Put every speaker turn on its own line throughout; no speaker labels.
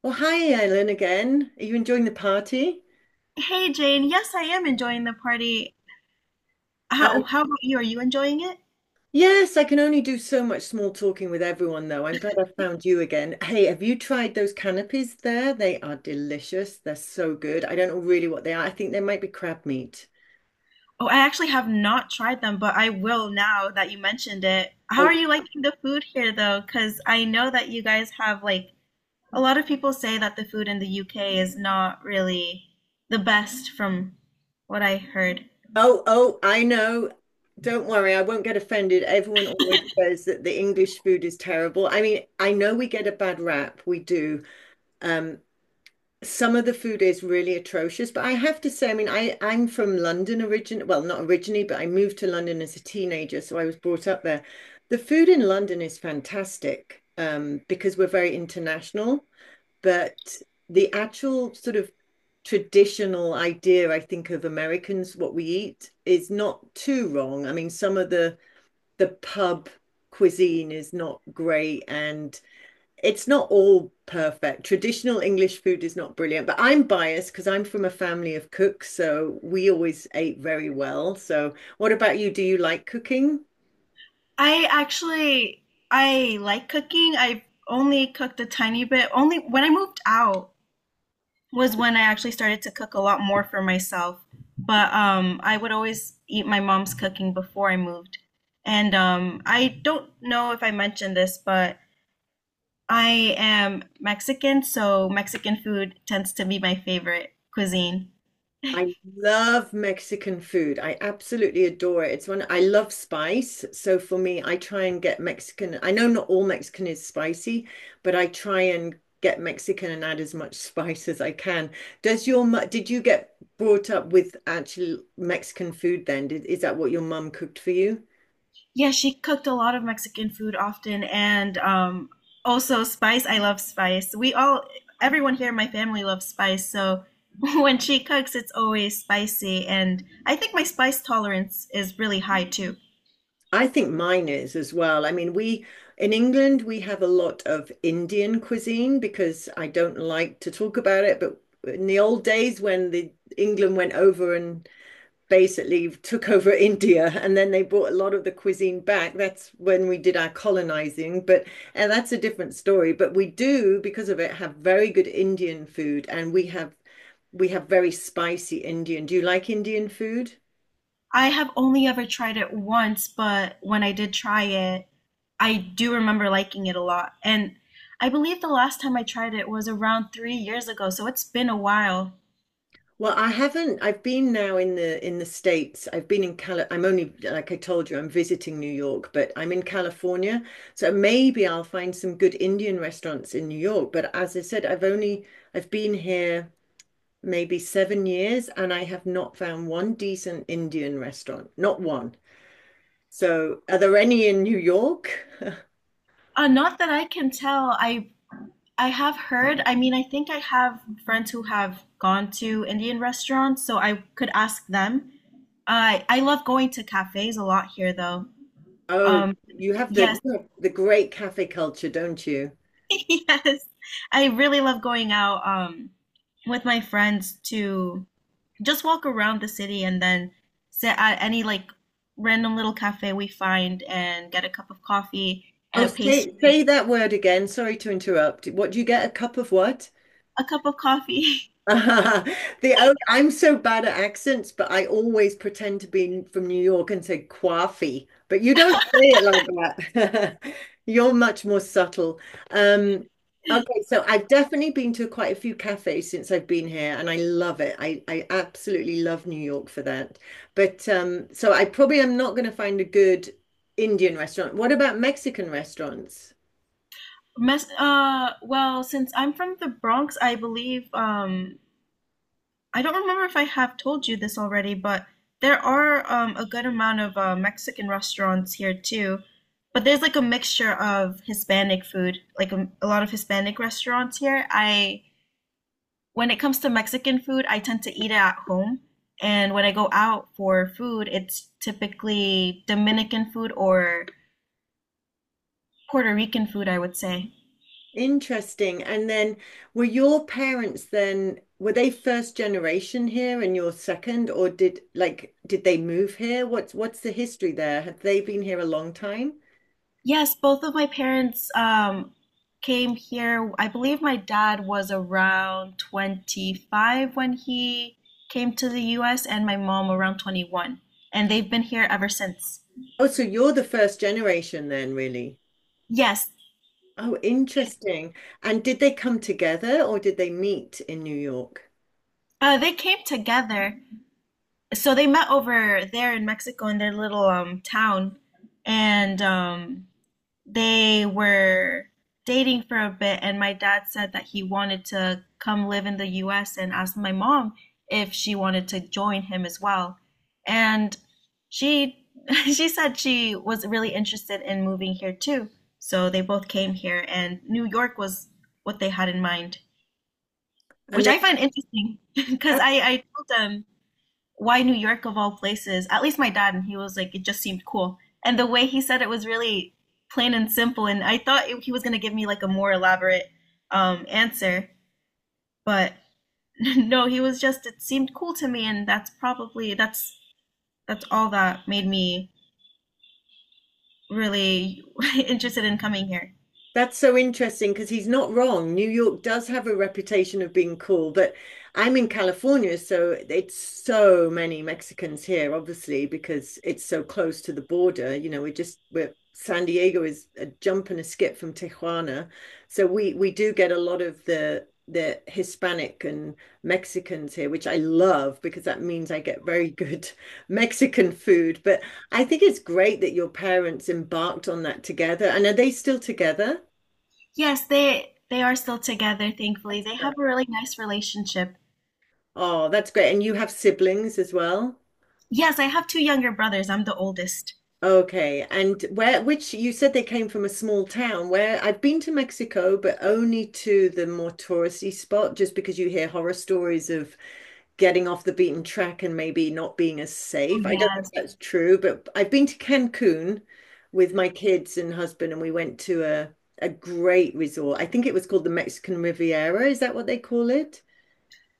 Well, hi, Ellen again. Are you enjoying the party?
Hey Jane, yes, I am enjoying the party.
Um,
How about you? Are you enjoying it?
yes, I can only do so much small talking with everyone, though. I'm glad I found you again. Hey, have you tried those canapes there? They are delicious. They're so good. I don't know really what they are. I think they might be crab meat.
Oh, I actually have not tried them, but I will now that you mentioned it. How
Oh,
are you liking the food here though? Because I know that you guys have like a lot of people say that the food in the UK is not really the best from what I heard.
oh, I know. Don't worry, I won't get offended. Everyone always says that the English food is terrible. I mean, I know we get a bad rap, we do. Um, some of the food is really atrocious, but I have to say, I mean, I'm from London origin, well, not originally, but I moved to London as a teenager, so I was brought up there. The food in London is fantastic, because we're very international, but the actual sort of traditional idea, I think, of Americans, what we eat, is not too wrong. I mean, some of the pub cuisine is not great, and it's not all perfect. Traditional English food is not brilliant, but I'm biased because I'm from a family of cooks, so we always ate very well. So, what about you? Do you like cooking?
I actually I like cooking. I've only cooked a tiny bit. Only when I moved out was when I actually started to cook a lot more for myself. But I would always eat my mom's cooking before I moved. And I don't know if I mentioned this, but I am Mexican, so Mexican food tends to be my favorite cuisine.
I love Mexican food. I absolutely adore it. It's one I love spice. So for me, I try and get Mexican. I know not all Mexican is spicy, but I try and get Mexican and add as much spice as I can. Did you get brought up with actual Mexican food then? Did, is that what your mum cooked for you?
Yeah, she cooked a lot of Mexican food often, and also spice. I love spice. Everyone here in my family loves spice. So when she cooks, it's always spicy. And I think my spice tolerance is really high too.
I think mine is as well. I mean, we in England we have a lot of Indian cuisine because I don't like to talk about it, but in the old days when the England went over and basically took over India and then they brought a lot of the cuisine back, that's when we did our colonizing, but and that's a different story, but we do because of it have very good Indian food and we have very spicy Indian. Do you like Indian food?
I have only ever tried it once, but when I did try it, I do remember liking it a lot. And I believe the last time I tried it was around 3 years ago, so it's been a while.
Well, I haven't. I've been now in the States. I've been in Cali. I'm only, like I told you, I'm visiting New York, but I'm in California. So maybe I'll find some good Indian restaurants in New York. But as I said, I've been here maybe 7 years and I have not found one decent Indian restaurant. Not one. So are there any in New York?
Not that I can tell. I have heard, I mean, I think I have friends who have gone to Indian restaurants, so I could ask them. I love going to cafes a lot here though.
Oh,
Um, yes.
you have the great cafe culture, don't you?
Yes. I really love going out with my friends to just walk around the city and then sit at any like random little cafe we find and get a cup of coffee and
Oh,
a pastry,
say that word again. Sorry to interrupt. What do you get? A cup of what?
a cup of coffee.
The oh, I'm so bad at accents, but I always pretend to be from New York and say coffee. But you don't say it like that. You're much more subtle. Um, okay, so I've definitely been to quite a few cafes since I've been here, and I love it. I absolutely love New York for that. But so I probably am not going to find a good Indian restaurant. What about Mexican restaurants?
Mess well, since I'm from the Bronx, I believe I don't remember if I have told you this already, but there are a good amount of Mexican restaurants here too. But there's like a mixture of Hispanic food, like a lot of Hispanic restaurants here. I When it comes to Mexican food, I tend to eat it at home, and when I go out for food, it's typically Dominican food or Puerto Rican food, I would say.
Interesting. And then were your parents then, were they first generation here and you're second, or did like did they move here? What's the history there? Have they been here a long time?
Yes, both of my parents came here. I believe my dad was around 25 when he came to the US, and my mom around 21. And they've been here ever since.
Oh, so you're the first generation then, really.
Yes,
Oh, interesting. And did they come together or did they meet in New York?
they came together. So they met over there in Mexico in their little town. And they were dating for a bit, and my dad said that he wanted to come live in the US and asked my mom if she wanted to join him as well. And she she said she was really interested in moving here too. So they both came here, and New York was what they had in mind,
And
which
they
I find interesting because
had.
I told them why New York of all places? At least my dad, and he was like, it just seemed cool. And the way he said it was really plain and simple. And he was going to give me like a more elaborate answer, but no, he was just, it seemed cool to me. And that's all that made me really interested in coming here.
That's so interesting because he's not wrong. New York does have a reputation of being cool, but I'm in California, so it's so many Mexicans here, obviously, because it's so close to the border. You know, we're just we're San Diego is a jump and a skip from Tijuana. So we do get a lot of the Hispanic and Mexicans here, which I love because that means I get very good Mexican food. But I think it's great that your parents embarked on that together. And are they still together?
Yes, they are still together, thankfully.
That's
They have a
nice.
really nice relationship.
Oh, that's great. And you have siblings as well?
Yes, I have two younger brothers. I'm the oldest.
Okay. And where, which you said they came from a small town where I've been to Mexico, but only to the more touristy spot, just because you hear horror stories of getting off the beaten track and maybe not being as safe. I don't
Oh,
know if that's true, but I've been to Cancun with my kids and husband, and we went to a great resort. I think it was called the Mexican Riviera. Is that what they call it?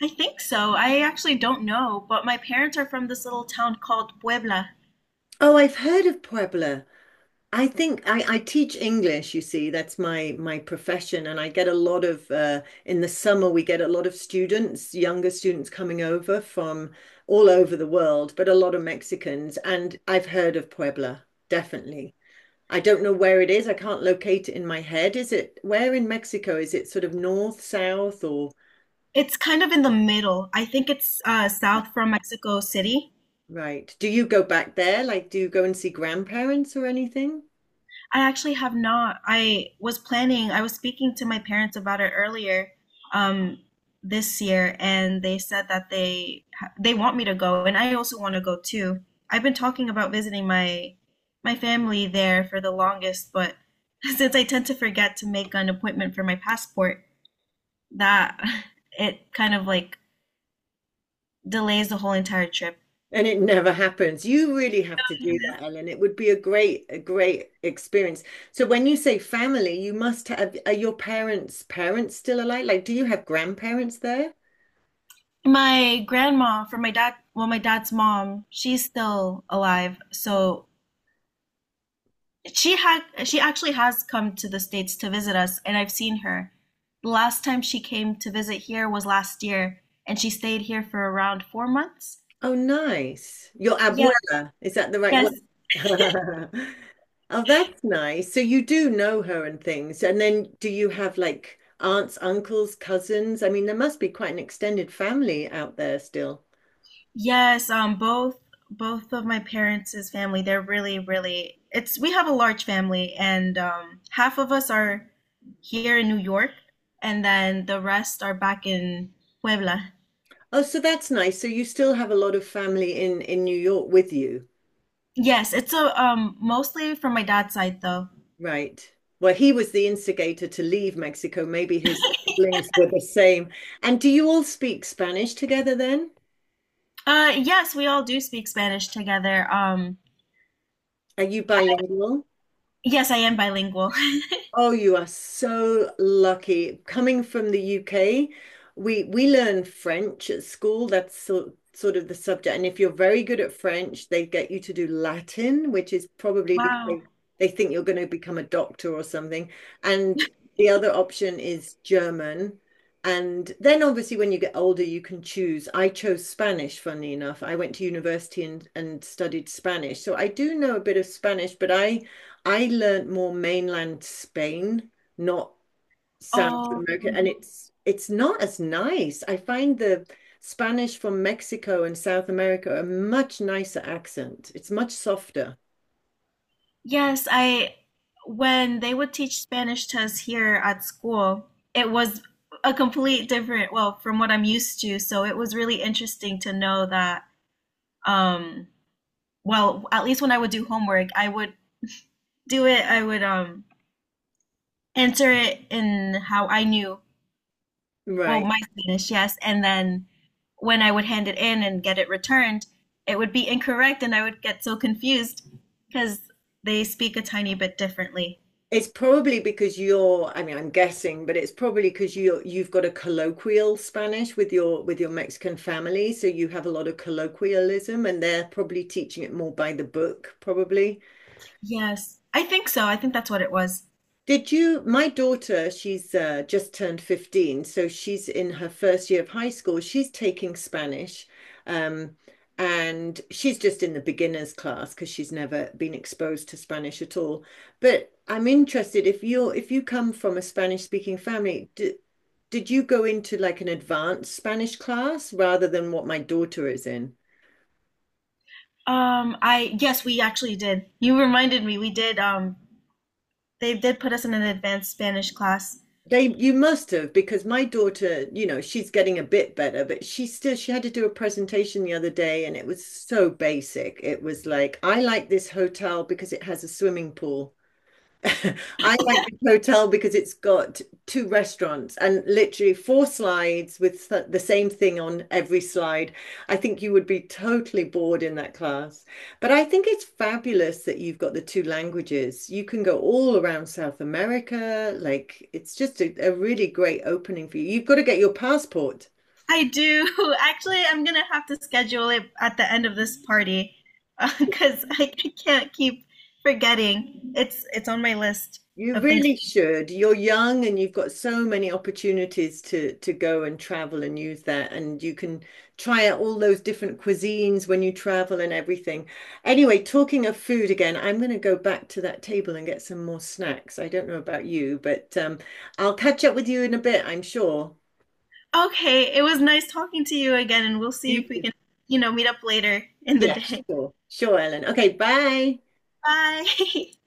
I think so. I actually don't know, but my parents are from this little town called Puebla.
Oh, I've heard of Puebla. I teach English, you see, that's my profession, and I get a lot of in the summer we get a lot of students, younger students coming over from all over the world, but a lot of Mexicans, and I've heard of Puebla, definitely. I don't know where it is. I can't locate it in my head. Is it where in Mexico? Is it sort of north, south, or
It's kind of in the middle. I think it's south from Mexico City.
right? Do you go back there? Like, do you go and see grandparents or anything?
I actually have not. I was speaking to my parents about it earlier um, this year, and they said that they want me to go, and I also want to go too. I've been talking about visiting my family there for the longest, but since I tend to forget to make an appointment for my passport, that it kind of like delays the whole entire trip.
And it never happens. You really have to do that, Ellen. It would be a great experience. So when you say family, you must have, are your parents' parents still alive? Like, do you have grandparents there?
My grandma from my dad, well, my dad's mom, she's still alive, so she actually has come to the States to visit us, and I've seen her. The last time she came to visit here was last year, and she stayed here for around 4 months.
Oh, nice. Your
Yeah,
abuela, is that the right word?
yes,
Oh, that's nice. So you do know her and things. And then do you have like aunts, uncles, cousins? I mean, there must be quite an extended family out there still.
Yes, both of my parents' family, they're really, really it's we have a large family and half of us are here in New York and then the rest are back in Puebla.
Oh, so that's nice. So you still have a lot of family in New York with you.
Yes, it's a mostly from my dad's side though.
Right. Well, he was the instigator to leave Mexico. Maybe his siblings were the same. And do you all speak Spanish together then?
Yes, we all do speak Spanish together.
Are you bilingual?
Yes, I am bilingual.
Oh, you are so lucky. Coming from the UK, we learn French at school. That's sort of the subject. And if you're very good at French, they get you to do Latin, which is probably because
Wow.
they think you're going to become a doctor or something. And the other option is German. And then obviously when you get older, you can choose. I chose Spanish, funnily enough. I went to university and studied Spanish. So I do know a bit of Spanish, but I learnt more mainland Spain, not South
Oh,
America, and
yeah.
it's not as nice. I find the Spanish from Mexico and South America a much nicer accent. It's much softer.
Yes, I when they would teach Spanish to us here at school, it was a complete different, well, from what I'm used to. So it was really interesting to know that um well, at least when I would do homework, I would answer it in how I knew, well,
Right.
my Spanish, yes, and then when I would hand it in and get it returned, it would be incorrect and I would get so confused because they speak a tiny bit differently.
It's probably because you're, I mean, I'm guessing, but it's probably because you've got a colloquial Spanish with your Mexican family, so you have a lot of colloquialism, and they're probably teaching it more by the book, probably.
Yes, I think so. I think that's what it was.
Did you, my daughter, she's just turned 15, so she's in her first year of high school. She's taking Spanish, um, and she's just in the beginners class because she's never been exposed to Spanish at all. But I'm interested if you're if you come from a Spanish speaking family, d did you go into like an advanced Spanish class rather than what my daughter is in?
I Yes, we actually did. You reminded me. We did. They did put us in an advanced Spanish class.
They, you must have, because my daughter, you know, she's getting a bit better, but she still, she had to do a presentation the other day and it was so basic. It was like, I like this hotel because it has a swimming pool. I like this hotel because it's got two restaurants and literally four slides with the same thing on every slide. I think you would be totally bored in that class. But I think it's fabulous that you've got the two languages. You can go all around South America. Like, it's just a really great opening for you. You've got to get your passport.
I do. Actually, I'm gonna have to schedule it at the end of this party because I can't keep forgetting. It's on my list
You
of things.
really should. You're young and you've got so many opportunities to go and travel and use that and you can try out all those different cuisines when you travel and everything. Anyway, talking of food again, I'm going to go back to that table and get some more snacks. I don't know about you, but I'll catch up with you in a bit, I'm sure.
Okay, it was nice talking to you again, and we'll see if
You
we
too.
can, you know, meet up later in the
Yes,
day.
sure. Sure, Ellen. Okay, bye.
Bye.